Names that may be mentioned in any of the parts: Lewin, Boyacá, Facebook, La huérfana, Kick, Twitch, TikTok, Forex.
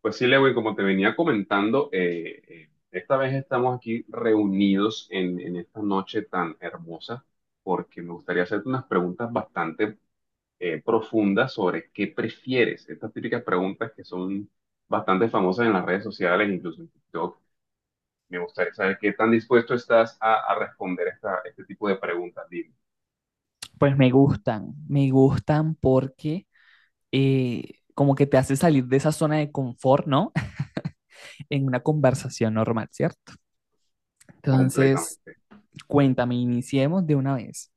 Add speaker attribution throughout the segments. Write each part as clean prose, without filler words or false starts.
Speaker 1: Pues sí, Lewin, como te venía comentando, esta vez estamos aquí reunidos en esta noche tan hermosa porque me gustaría hacerte unas preguntas bastante profundas sobre qué prefieres. Estas típicas preguntas que son bastante famosas en las redes sociales, incluso en TikTok. Me gustaría saber qué tan dispuesto estás a responder este tipo de preguntas, dime,
Speaker 2: Pues me gustan porque eh, como que te hace salir de esa zona de confort, ¿no? En una conversación normal, ¿cierto? Entonces,
Speaker 1: completamente.
Speaker 2: cuéntame, iniciemos de una vez.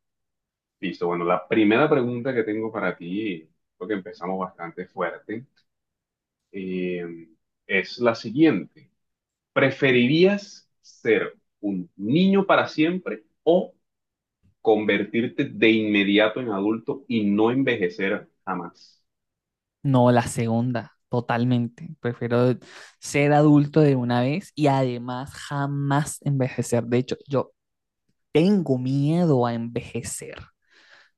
Speaker 1: Listo, bueno, la primera pregunta que tengo para ti, creo que empezamos bastante fuerte. eh, es la siguiente. ¿Preferirías ser un niño para siempre o convertirte de inmediato en adulto y no envejecer jamás?
Speaker 2: No, la segunda, totalmente. Prefiero ser adulto de una vez y además jamás envejecer. De hecho, yo tengo miedo a envejecer,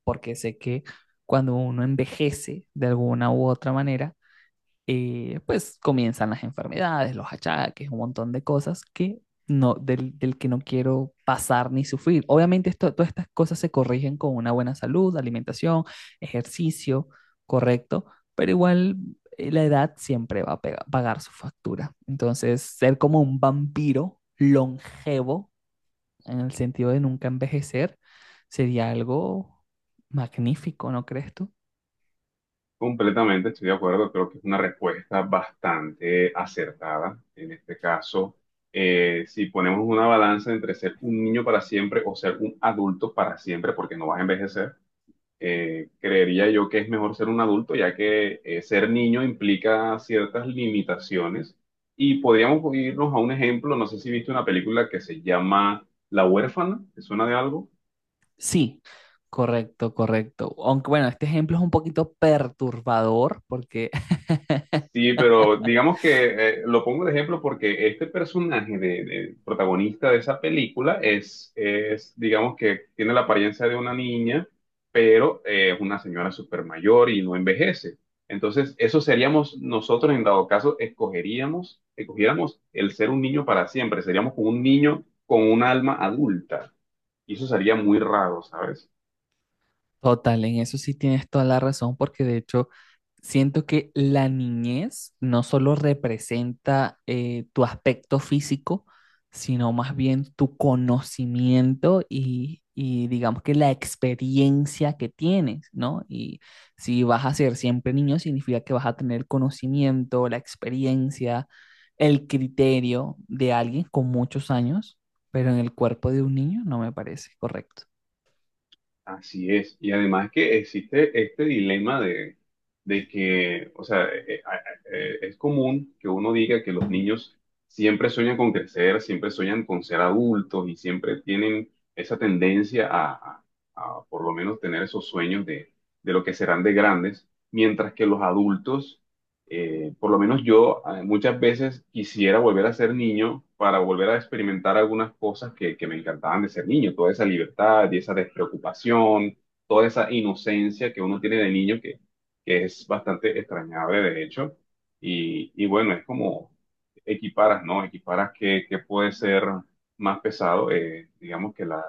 Speaker 2: porque sé que cuando uno envejece de alguna u otra manera, pues comienzan las enfermedades, los achaques, un montón de cosas que no, del que no quiero pasar ni sufrir. Obviamente esto, todas estas cosas se corrigen con una buena salud, alimentación, ejercicio correcto, pero igual la edad siempre va a pagar su factura. Entonces, ser como un vampiro longevo, en el sentido de nunca envejecer, sería algo magnífico, ¿no crees tú?
Speaker 1: Completamente estoy de acuerdo, creo que es una respuesta bastante acertada en este caso. Si ponemos una balanza entre ser un niño para siempre o ser un adulto para siempre, porque no vas a envejecer, creería yo que es mejor ser un adulto, ya que ser niño implica ciertas limitaciones. Y podríamos irnos a un ejemplo, no sé si viste una película que se llama La huérfana, ¿te suena de algo?
Speaker 2: Sí, correcto, correcto. Aunque bueno, este ejemplo es un poquito perturbador porque
Speaker 1: Sí, pero digamos que lo pongo de ejemplo porque este personaje de protagonista de esa película es, digamos que tiene la apariencia de una niña, pero es una señora súper mayor y no envejece. Entonces, eso seríamos nosotros en dado caso, escogiéramos el ser un niño para siempre, seríamos como un niño con un alma adulta. Y eso sería muy raro, ¿sabes?
Speaker 2: total, en eso sí tienes toda la razón, porque de hecho siento que la niñez no solo representa tu aspecto físico, sino más bien tu conocimiento y digamos que la experiencia que tienes, ¿no? Y si vas a ser siempre niño, significa que vas a tener conocimiento, la experiencia, el criterio de alguien con muchos años, pero en el cuerpo de un niño no me parece correcto.
Speaker 1: Así es. Y además que existe este dilema de que, o sea, es común que uno diga que los niños siempre sueñan con crecer, siempre sueñan con ser adultos y siempre tienen esa tendencia a por lo menos tener esos sueños de lo que serán de grandes, mientras que los adultos por lo menos yo muchas veces quisiera volver a ser niño para volver a experimentar algunas cosas que me encantaban de ser niño, toda esa libertad y esa despreocupación, toda esa inocencia que uno tiene de niño que es bastante extrañable de hecho. Y bueno, es como equiparas, ¿no? Que puede ser más pesado, digamos que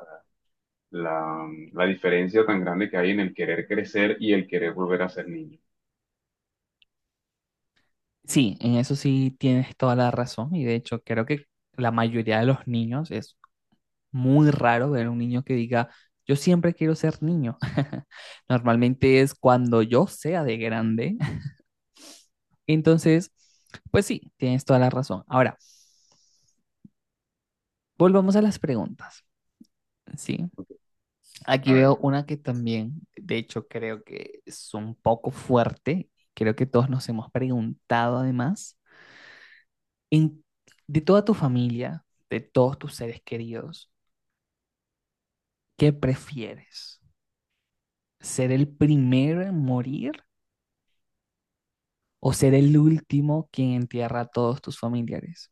Speaker 1: la, la diferencia tan grande que hay en el querer crecer y el querer volver a ser niño.
Speaker 2: Sí, en eso sí tienes toda la razón y de hecho creo que la mayoría de los niños es muy raro ver un niño que diga, yo siempre quiero ser niño. Normalmente es cuando yo sea de grande. Entonces, pues sí, tienes toda la razón. Ahora, volvamos a las preguntas, ¿sí?
Speaker 1: Ok.
Speaker 2: Aquí
Speaker 1: A
Speaker 2: veo
Speaker 1: ver.
Speaker 2: una que también, de hecho, creo que es un poco fuerte. Creo que todos nos hemos preguntado además, en- de toda tu familia, de todos tus seres queridos. ¿Qué prefieres? ¿Ser el primero en morir o ser el último quien entierra a todos tus familiares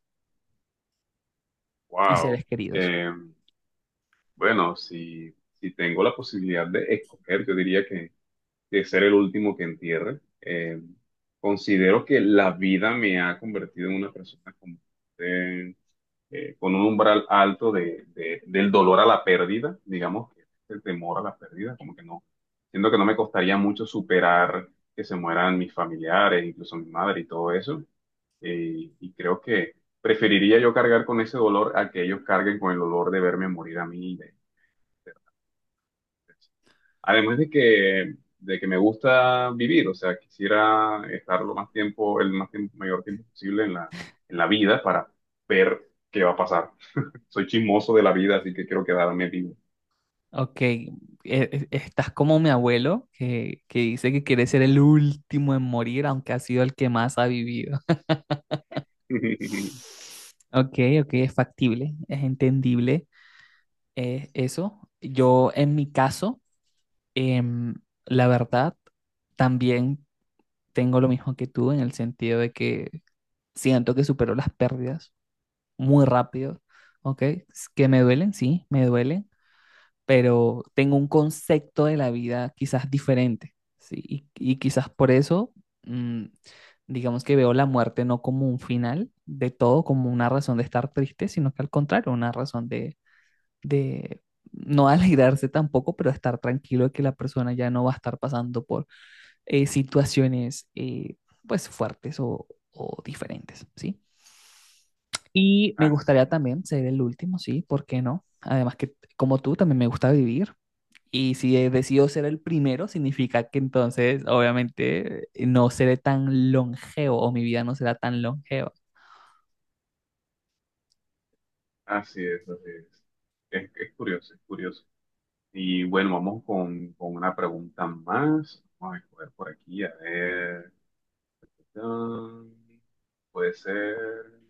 Speaker 2: y
Speaker 1: Wow.
Speaker 2: seres queridos?
Speaker 1: Eh, bueno, si tengo la posibilidad de escoger, yo diría que de ser el último que entierre. Considero que la vida me ha convertido en una persona eh, con un umbral alto del dolor a la pérdida, digamos, que es el temor a la pérdida, como que no, siento que no me costaría mucho superar que se mueran mis familiares, incluso mi madre y todo eso. Y creo que preferiría yo cargar con ese dolor a que ellos carguen con el dolor de verme morir a mí. Además de que me gusta vivir, o sea, quisiera estar mayor tiempo posible en la vida para ver qué va a pasar. Soy chismoso de la vida, así que quiero quedarme vivo.
Speaker 2: Ok, estás como mi abuelo que dice que quiere ser el último en morir, aunque ha sido el que más ha vivido. Ok, ok, es factible, es entendible eso. Yo en mi caso, em, la verdad, también tengo lo mismo que tú en el sentido de que siento que supero las pérdidas muy rápido, ¿ok? Que me duelen, sí, me duelen, pero tengo un concepto de la vida quizás diferente, ¿sí? Y quizás por eso, mm, digamos que veo la muerte no como un final de todo, como una razón de estar triste, sino que al contrario, una razón de no alegrarse tampoco, pero estar tranquilo de que la persona ya no va a estar pasando por situaciones, pues, fuertes o diferentes, ¿sí? Y me
Speaker 1: Así
Speaker 2: gustaría
Speaker 1: es,
Speaker 2: también ser el último, sí, ¿por qué no? Además que como tú también me gusta vivir, y si decido ser el primero significa que entonces obviamente no seré tan longevo o mi vida no será tan longeva.
Speaker 1: así es, así es. Es curioso, es curioso. Y bueno, vamos con una pregunta más. Vamos a ver por aquí, a ver. Ah, puede ser,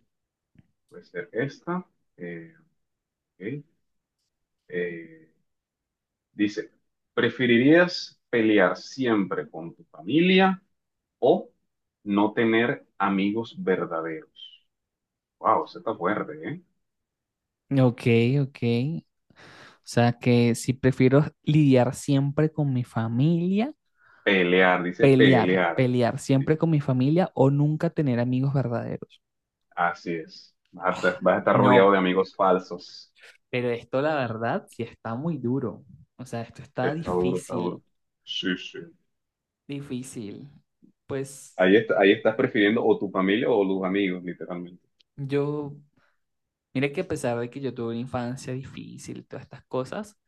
Speaker 1: puede ser esta. Eh, ok. Eh, Dice, ¿preferirías pelear siempre con tu familia o no tener amigos verdaderos? Wow, eso está fuerte, ¿eh?
Speaker 2: Ok, ok. O sea que si prefiero lidiar siempre con mi familia,
Speaker 1: Pelear, dice
Speaker 2: pelear,
Speaker 1: pelear.
Speaker 2: pelear
Speaker 1: Sí,
Speaker 2: siempre con mi familia o nunca tener amigos verdaderos.
Speaker 1: así es. Vas estar vas a estar
Speaker 2: No,
Speaker 1: rodeado de amigos falsos.
Speaker 2: pero esto la verdad sí está muy duro. O sea, esto está
Speaker 1: Está duro, está
Speaker 2: difícil.
Speaker 1: duro. Sí, sí.
Speaker 2: Difícil. Pues
Speaker 1: Ahí está, ahí estás prefiriendo o tu familia o los amigos, literalmente.
Speaker 2: yo, mira que a pesar de que yo tuve una infancia difícil y todas estas cosas,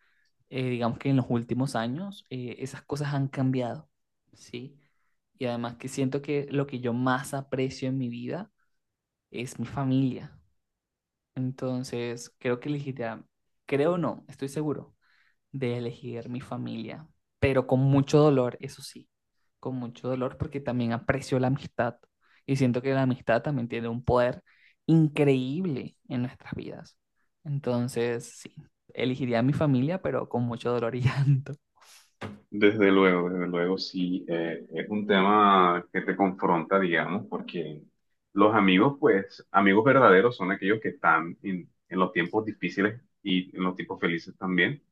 Speaker 2: digamos que en los últimos años esas cosas han cambiado, ¿sí? Y además que siento que lo que yo más aprecio en mi vida es mi familia. Entonces, creo que elegirá, creo no, estoy seguro de elegir mi familia, pero con mucho dolor, eso sí, con mucho dolor porque también aprecio la amistad y siento que la amistad también tiene un poder increíble en nuestras vidas. Entonces, sí, elegiría a mi familia, pero con mucho dolor y llanto.
Speaker 1: Desde luego, sí, es un tema que te confronta, digamos, porque los amigos, pues, amigos verdaderos son aquellos que están en los tiempos difíciles y en los tiempos felices también,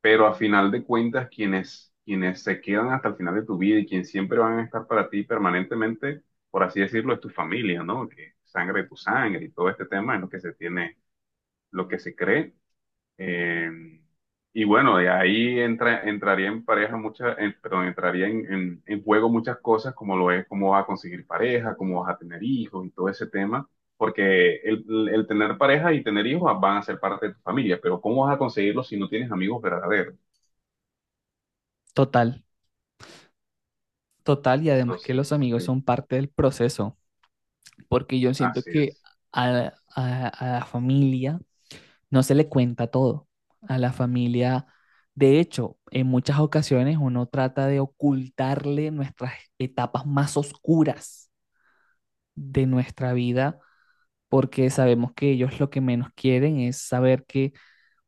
Speaker 1: pero a final de cuentas, quienes se quedan hasta el final de tu vida y quienes siempre van a estar para ti permanentemente, por así decirlo, es tu familia, ¿no? Que sangre de tu sangre y todo este tema en lo que se tiene, lo que se cree. Eh, y bueno, de ahí entraría en pareja muchas, perdón, entraría en, en juego muchas cosas como lo es cómo vas a conseguir pareja, cómo vas a tener hijos y todo ese tema, porque el tener pareja y tener hijos van a ser parte de tu familia, pero ¿cómo vas a conseguirlos si no tienes amigos verdaderos?
Speaker 2: Total, total, y además que los
Speaker 1: Entonces,
Speaker 2: amigos
Speaker 1: sí,
Speaker 2: son parte del proceso, porque yo siento
Speaker 1: así
Speaker 2: que
Speaker 1: es,
Speaker 2: a la familia no se le cuenta todo a la familia. De hecho, en muchas ocasiones uno trata de ocultarle nuestras etapas más oscuras de nuestra vida porque sabemos que ellos lo que menos quieren es saber que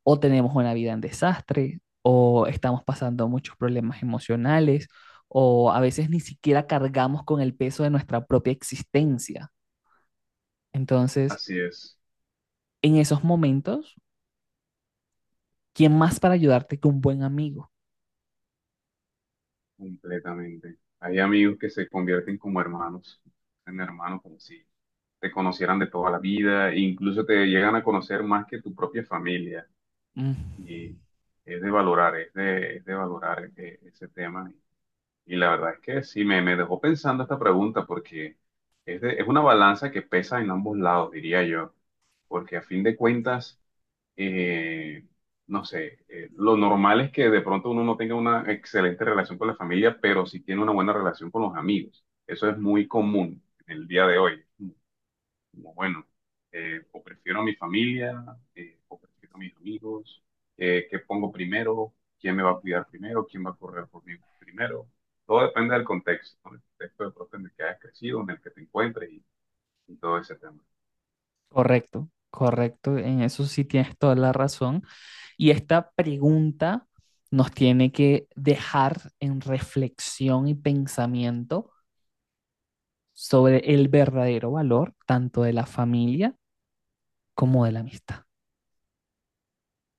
Speaker 2: o tenemos una vida en desastre o estamos pasando muchos problemas emocionales o a veces ni siquiera cargamos con el peso de nuestra propia existencia. Entonces,
Speaker 1: así es,
Speaker 2: en esos momentos, ¿quién más para ayudarte que un buen amigo?
Speaker 1: completamente. Hay amigos que se convierten como hermanos, en hermanos como si te conocieran de toda la vida, e incluso te llegan a conocer más que tu propia familia.
Speaker 2: Mm.
Speaker 1: Y es de valorar, es de valorar ese tema. Y la verdad es que sí, me dejó pensando esta pregunta porque es una balanza que pesa en ambos lados, diría yo. Porque a fin de cuentas, eh, no sé, lo normal es que de pronto uno no tenga una excelente relación con la familia, pero sí tiene una buena relación con los amigos. Eso es muy común en el día de hoy como bueno, o prefiero a mi familia, o prefiero a mis amigos, qué pongo primero, quién me va a cuidar primero, quién va a correr por mí primero. Todo depende del contexto, ¿no? El contexto de pronto en el que hayas crecido, en el que te encuentres y todo ese tema.
Speaker 2: Correcto, correcto. En eso sí tienes toda la razón. Y esta pregunta nos tiene que dejar en reflexión y pensamiento sobre el verdadero valor tanto de la familia como de la amistad.